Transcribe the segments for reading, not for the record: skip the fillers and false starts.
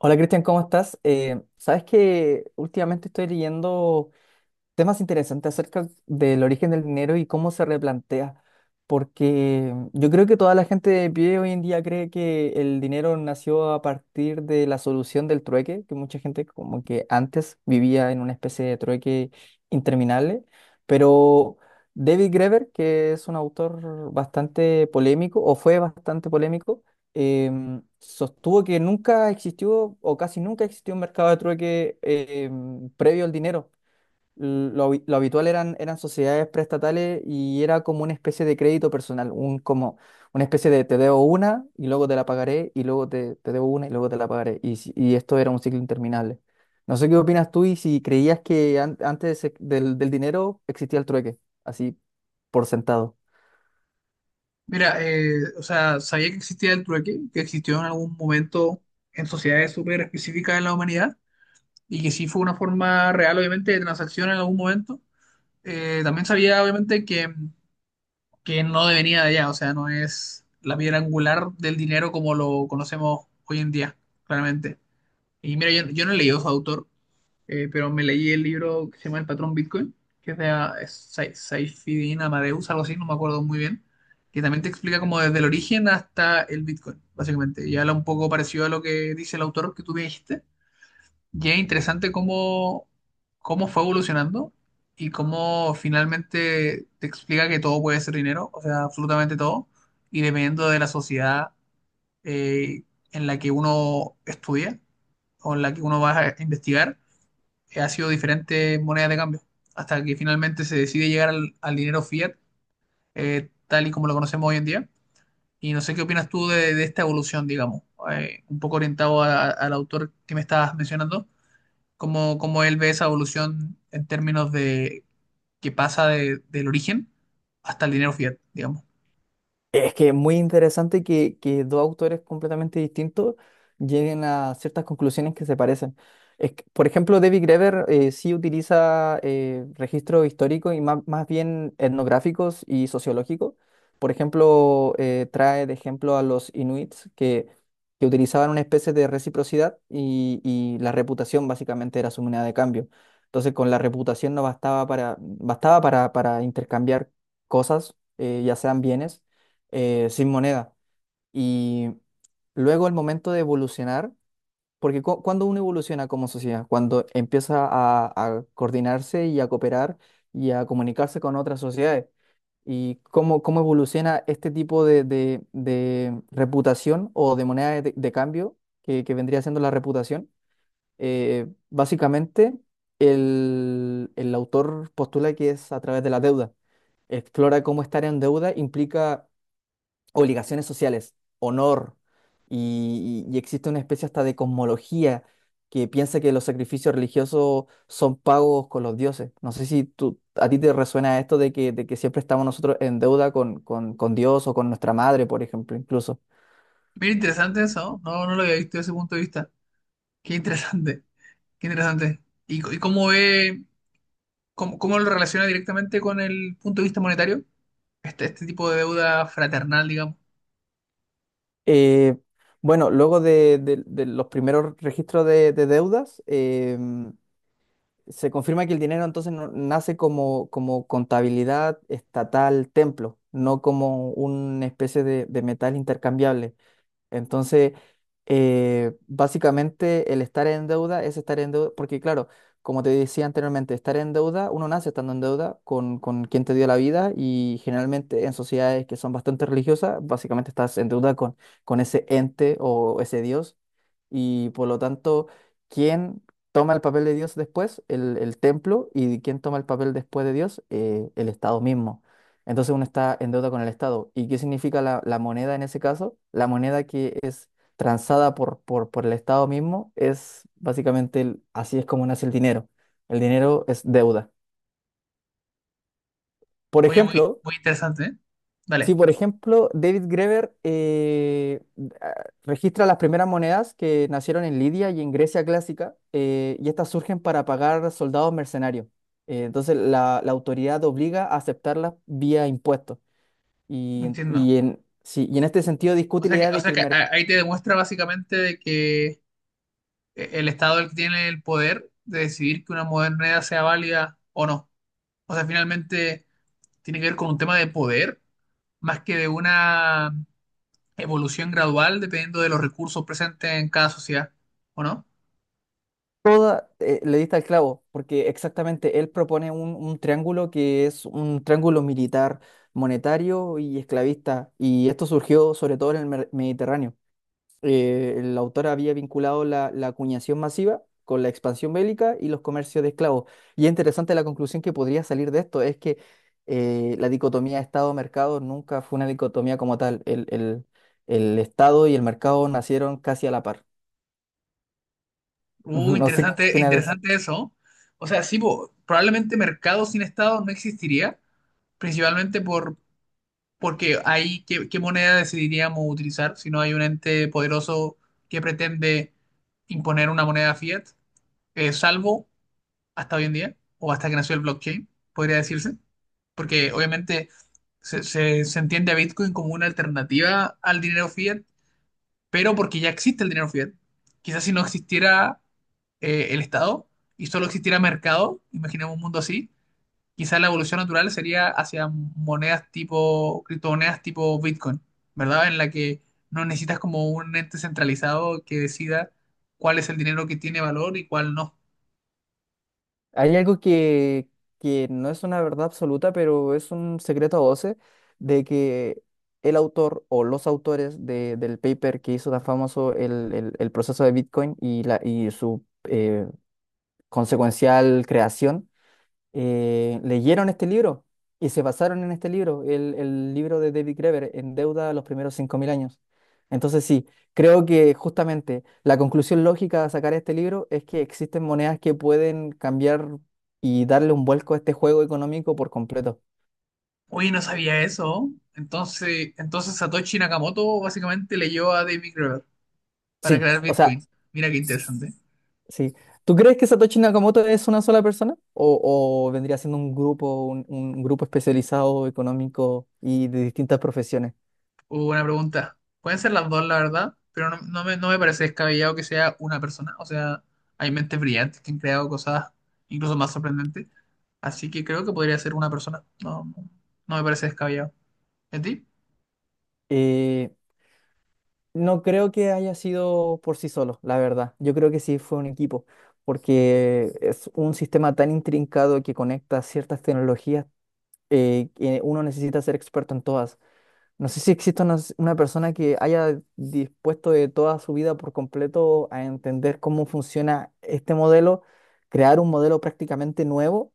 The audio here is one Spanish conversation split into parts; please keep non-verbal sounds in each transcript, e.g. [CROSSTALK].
Hola Cristian, ¿cómo estás? Sabes que últimamente estoy leyendo temas interesantes acerca del origen del dinero y cómo se replantea, porque yo creo que toda la gente de pie hoy en día cree que el dinero nació a partir de la solución del trueque, que mucha gente como que antes vivía en una especie de trueque interminable. Pero David Graeber, que es un autor bastante polémico, o fue bastante polémico, sostuvo que nunca existió o casi nunca existió un mercado de trueque previo al dinero. Lo habitual eran sociedades preestatales y era como una especie de crédito personal, como una especie de te debo una y luego te la pagaré, y luego te debo una y luego te la pagaré. Y, si- y esto era un ciclo interminable. No sé qué opinas tú y si creías que antes del dinero existía el trueque, así por sentado. Mira, o sea, sabía que existía el trueque, que existió en algún momento en sociedades súper específicas de la humanidad y que sí fue una forma real, obviamente, de transacción en algún momento. También sabía, obviamente, que no venía de allá, o sea, no es la piedra angular del dinero como lo conocemos hoy en día, claramente. Y mira, yo no he leído a su autor, pero me leí el libro que se llama El patrón Bitcoin, que es de es Saifuddin Amadeus, algo así, no me acuerdo muy bien, que también te explica como desde el origen hasta el Bitcoin, básicamente. Y habla un poco parecido a lo que dice el autor que tú me dijiste. Y es interesante cómo fue evolucionando y cómo finalmente te explica que todo puede ser dinero, o sea, absolutamente todo, y dependiendo de la sociedad eh, en la que uno estudia o en la que uno va a investigar, ha sido diferentes monedas de cambio, hasta que finalmente se decide llegar al dinero fiat, tal y como lo conocemos hoy en día. Y no sé qué opinas tú de esta evolución, digamos, un poco orientado al autor que me estabas mencionando, cómo él ve esa evolución en términos de que pasa del origen hasta el dinero fiat, digamos. Es que es muy interesante que dos autores completamente distintos lleguen a ciertas conclusiones que se parecen. Es que, por ejemplo, David Graeber sí utiliza registros históricos y más bien etnográficos y sociológicos. Por ejemplo, trae de ejemplo a los inuits que utilizaban una especie de reciprocidad, y la reputación básicamente era su moneda de cambio. Entonces, con la reputación no bastaba bastaba para intercambiar cosas, ya sean bienes, sin moneda. Y luego el momento de evolucionar, porque cuando uno evoluciona como sociedad, cuando empieza a coordinarse y a cooperar y a comunicarse con otras sociedades, y cómo, cómo evoluciona este tipo de reputación o de moneda de cambio, que vendría siendo la reputación. Básicamente el autor postula que es a través de la deuda, explora cómo estar en deuda implica obligaciones sociales, honor, y existe una especie hasta de cosmología que piensa que los sacrificios religiosos son pagos con los dioses. No sé si a ti te resuena esto de que siempre estamos nosotros en deuda con Dios o con nuestra madre, por ejemplo, incluso. Mira, interesante eso, ¿no? No, no lo había visto desde ese punto de vista. Qué interesante, qué interesante. ¿Y, y cómo ve, cómo lo relaciona directamente con el punto de vista monetario? Este tipo de deuda fraternal, digamos. Eh, bueno, luego de los primeros registros de deudas, se confirma que el dinero entonces nace como contabilidad estatal templo, no como una especie de metal intercambiable. Entonces, básicamente el estar en deuda es estar en deuda, porque claro, como te decía anteriormente, estar en deuda, uno nace estando en deuda con quien te dio la vida, y generalmente en sociedades que son bastante religiosas, básicamente estás en deuda con ese ente o ese Dios, y por lo tanto, ¿quién toma el papel de Dios después? El templo. ¿Y quién toma el papel después de Dios? El Estado mismo. Entonces uno está en deuda con el Estado. ¿Y qué significa la moneda en ese caso? La moneda que es transada por el Estado mismo es básicamente así es como nace el dinero. El dinero es deuda. Por Oye, muy, ejemplo, muy interesante, ¿eh? sí, Vale, por ejemplo, David Greber, ah, registra las primeras monedas que nacieron en Lidia y en Grecia clásica, y estas surgen para pagar soldados mercenarios. Entonces, la autoridad obliga a aceptarlas vía impuestos. Y, entiendo. y en, sí, y en este sentido discute la idea O de que sea el que mercado, ahí te demuestra básicamente de que el Estado es el que tiene el poder de decidir que una moneda sea válida o no. O sea, finalmente tiene que ver con un tema de poder más que de una evolución gradual dependiendo de los recursos presentes en cada sociedad, ¿o no? Le dista al clavo, porque exactamente él propone un triángulo que es un triángulo militar, monetario y esclavista, y esto surgió sobre todo en el Mediterráneo. El autor había vinculado la acuñación masiva con la expansión bélica y los comercios de esclavos. Y es interesante la conclusión que podría salir de esto, es que la dicotomía Estado-mercado nunca fue una dicotomía como tal. El Estado y el mercado nacieron casi a la par. [LAUGHS] No sé qué Interesante, opinas de eso. interesante eso. O sea, sí, po, probablemente mercado sin Estado no existiría principalmente porque ahí, ¿ qué moneda decidiríamos utilizar si no hay un ente poderoso que pretende imponer una moneda fiat, salvo hasta hoy en día, o hasta que nació el blockchain, ¿podría decirse? Porque obviamente se entiende a Bitcoin como una alternativa al dinero fiat, pero porque ya existe el dinero fiat. Quizás si no existiera el Estado y solo existiera mercado, imaginemos un mundo así, quizás la evolución natural sería hacia monedas tipo, criptomonedas tipo Bitcoin, ¿verdad? En la que no necesitas como un ente centralizado que decida cuál es el dinero que tiene valor y cuál no. Hay algo que no es una verdad absoluta, pero es un secreto a voces de que el autor o los autores del paper que hizo tan famoso el proceso de Bitcoin y su consecuencial creación, leyeron este libro y se basaron en este libro, el libro de David Graeber, En deuda a los primeros 5000 años. Entonces sí, creo que justamente la conclusión lógica de sacar este libro es que existen monedas que pueden cambiar y darle un vuelco a este juego económico por completo. Oye, no sabía eso. Entonces, Satoshi Nakamoto básicamente leyó a David Graeber para Sí, crear o sea, Bitcoin. Mira qué interesante. sí. ¿Tú crees que Satoshi Nakamoto es una sola persona? O vendría siendo un grupo, un grupo especializado económico y de distintas profesiones? Buena pregunta. Pueden ser las dos, la verdad, pero no, no me parece descabellado que sea una persona. O sea, hay mentes brillantes que han creado cosas incluso más sorprendentes. Así que creo que podría ser una persona. No, no, no me parece descabellado. ¿Y a ti? Eh, No creo que haya sido por sí solo, la verdad. Yo creo que sí fue un equipo, porque es un sistema tan intrincado que conecta ciertas tecnologías, que uno necesita ser experto en todas. No sé si existe una persona que haya dispuesto de toda su vida por completo a entender cómo funciona este modelo, crear un modelo prácticamente nuevo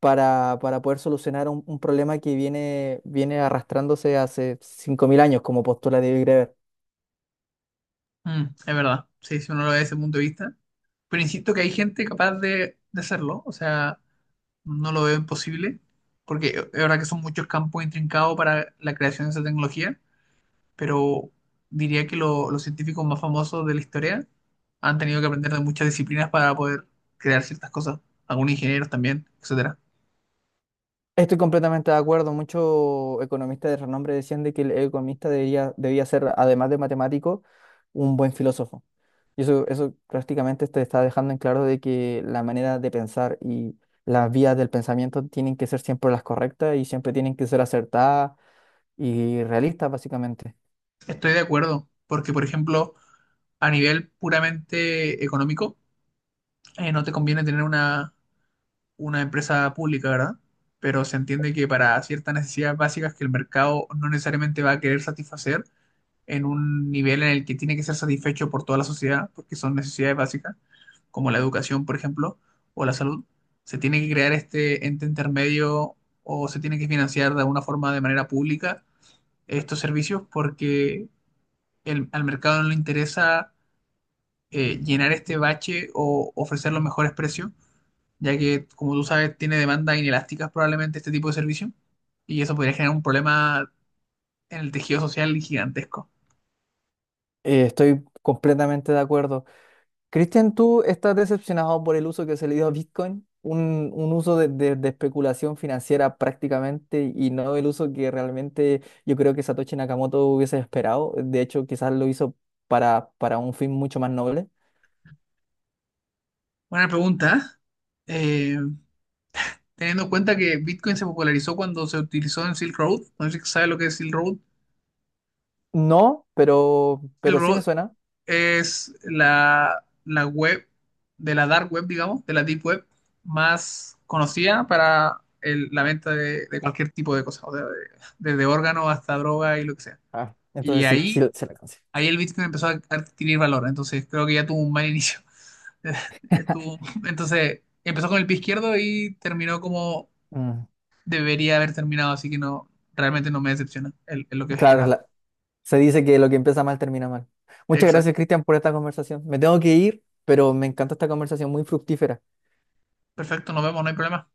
para poder solucionar un problema que viene arrastrándose hace 5000 años, como postula David Greber. Mm, es verdad. Sí, si uno lo ve desde ese punto de vista. Pero insisto que hay gente capaz de hacerlo. O sea, no lo veo imposible. Porque es verdad que son muchos campos intrincados para la creación de esa tecnología, pero diría que los científicos más famosos de la historia han tenido que aprender de muchas disciplinas para poder crear ciertas cosas, algunos ingenieros también, etcétera. Estoy completamente de acuerdo. Muchos economistas de renombre decían de que el economista debía ser, además de matemático, un buen filósofo. Y eso prácticamente te está dejando en claro de que la manera de pensar y las vías del pensamiento tienen que ser siempre las correctas, y siempre tienen que ser acertadas y realistas, básicamente. Estoy de acuerdo, porque por ejemplo, a nivel puramente económico, no te conviene tener una empresa pública, ¿verdad? Pero se entiende que para ciertas necesidades básicas que el mercado no necesariamente va a querer satisfacer, en un nivel en el que tiene que ser satisfecho por toda la sociedad, porque son necesidades básicas, como la educación, por ejemplo, o la salud, se tiene que crear este ente intermedio o se tiene que financiar de alguna forma de manera pública estos servicios porque al mercado no le interesa llenar este bache o ofrecer los mejores precios, ya que, como tú sabes, tiene demandas inelásticas probablemente este tipo de servicio y eso podría generar un problema en el tejido social gigantesco. Estoy completamente de acuerdo. Cristian, ¿tú estás decepcionado por el uso que se le dio a Bitcoin? Un uso de especulación financiera prácticamente, y no el uso que realmente yo creo que Satoshi Nakamoto hubiese esperado. De hecho, quizás lo hizo para un fin mucho más noble. Buena pregunta. ¿Eh? Teniendo en cuenta que Bitcoin se popularizó cuando se utilizó en Silk Road. No sé si sabes lo que es Silk Road. No, Silk pero sí me Road suena. es la web de la dark web, digamos, de la deep web más conocida para la venta de cualquier tipo de cosas, o sea, desde órganos hasta droga y lo que sea. Ah, Y entonces sí, sí se la alcancé. ahí el Bitcoin empezó a adquirir valor, entonces creo que ya tuvo un mal inicio. [LAUGHS] Estuvo- entonces empezó con el pie izquierdo y terminó como Mm, debería haber terminado, así que no, realmente no me decepciona el lo que claro, esperaba. Se dice que lo que empieza mal termina mal. Muchas Exacto. gracias, Cristian, por esta conversación. Me tengo que ir, pero me encanta esta conversación muy fructífera. Perfecto, nos vemos, no hay problema.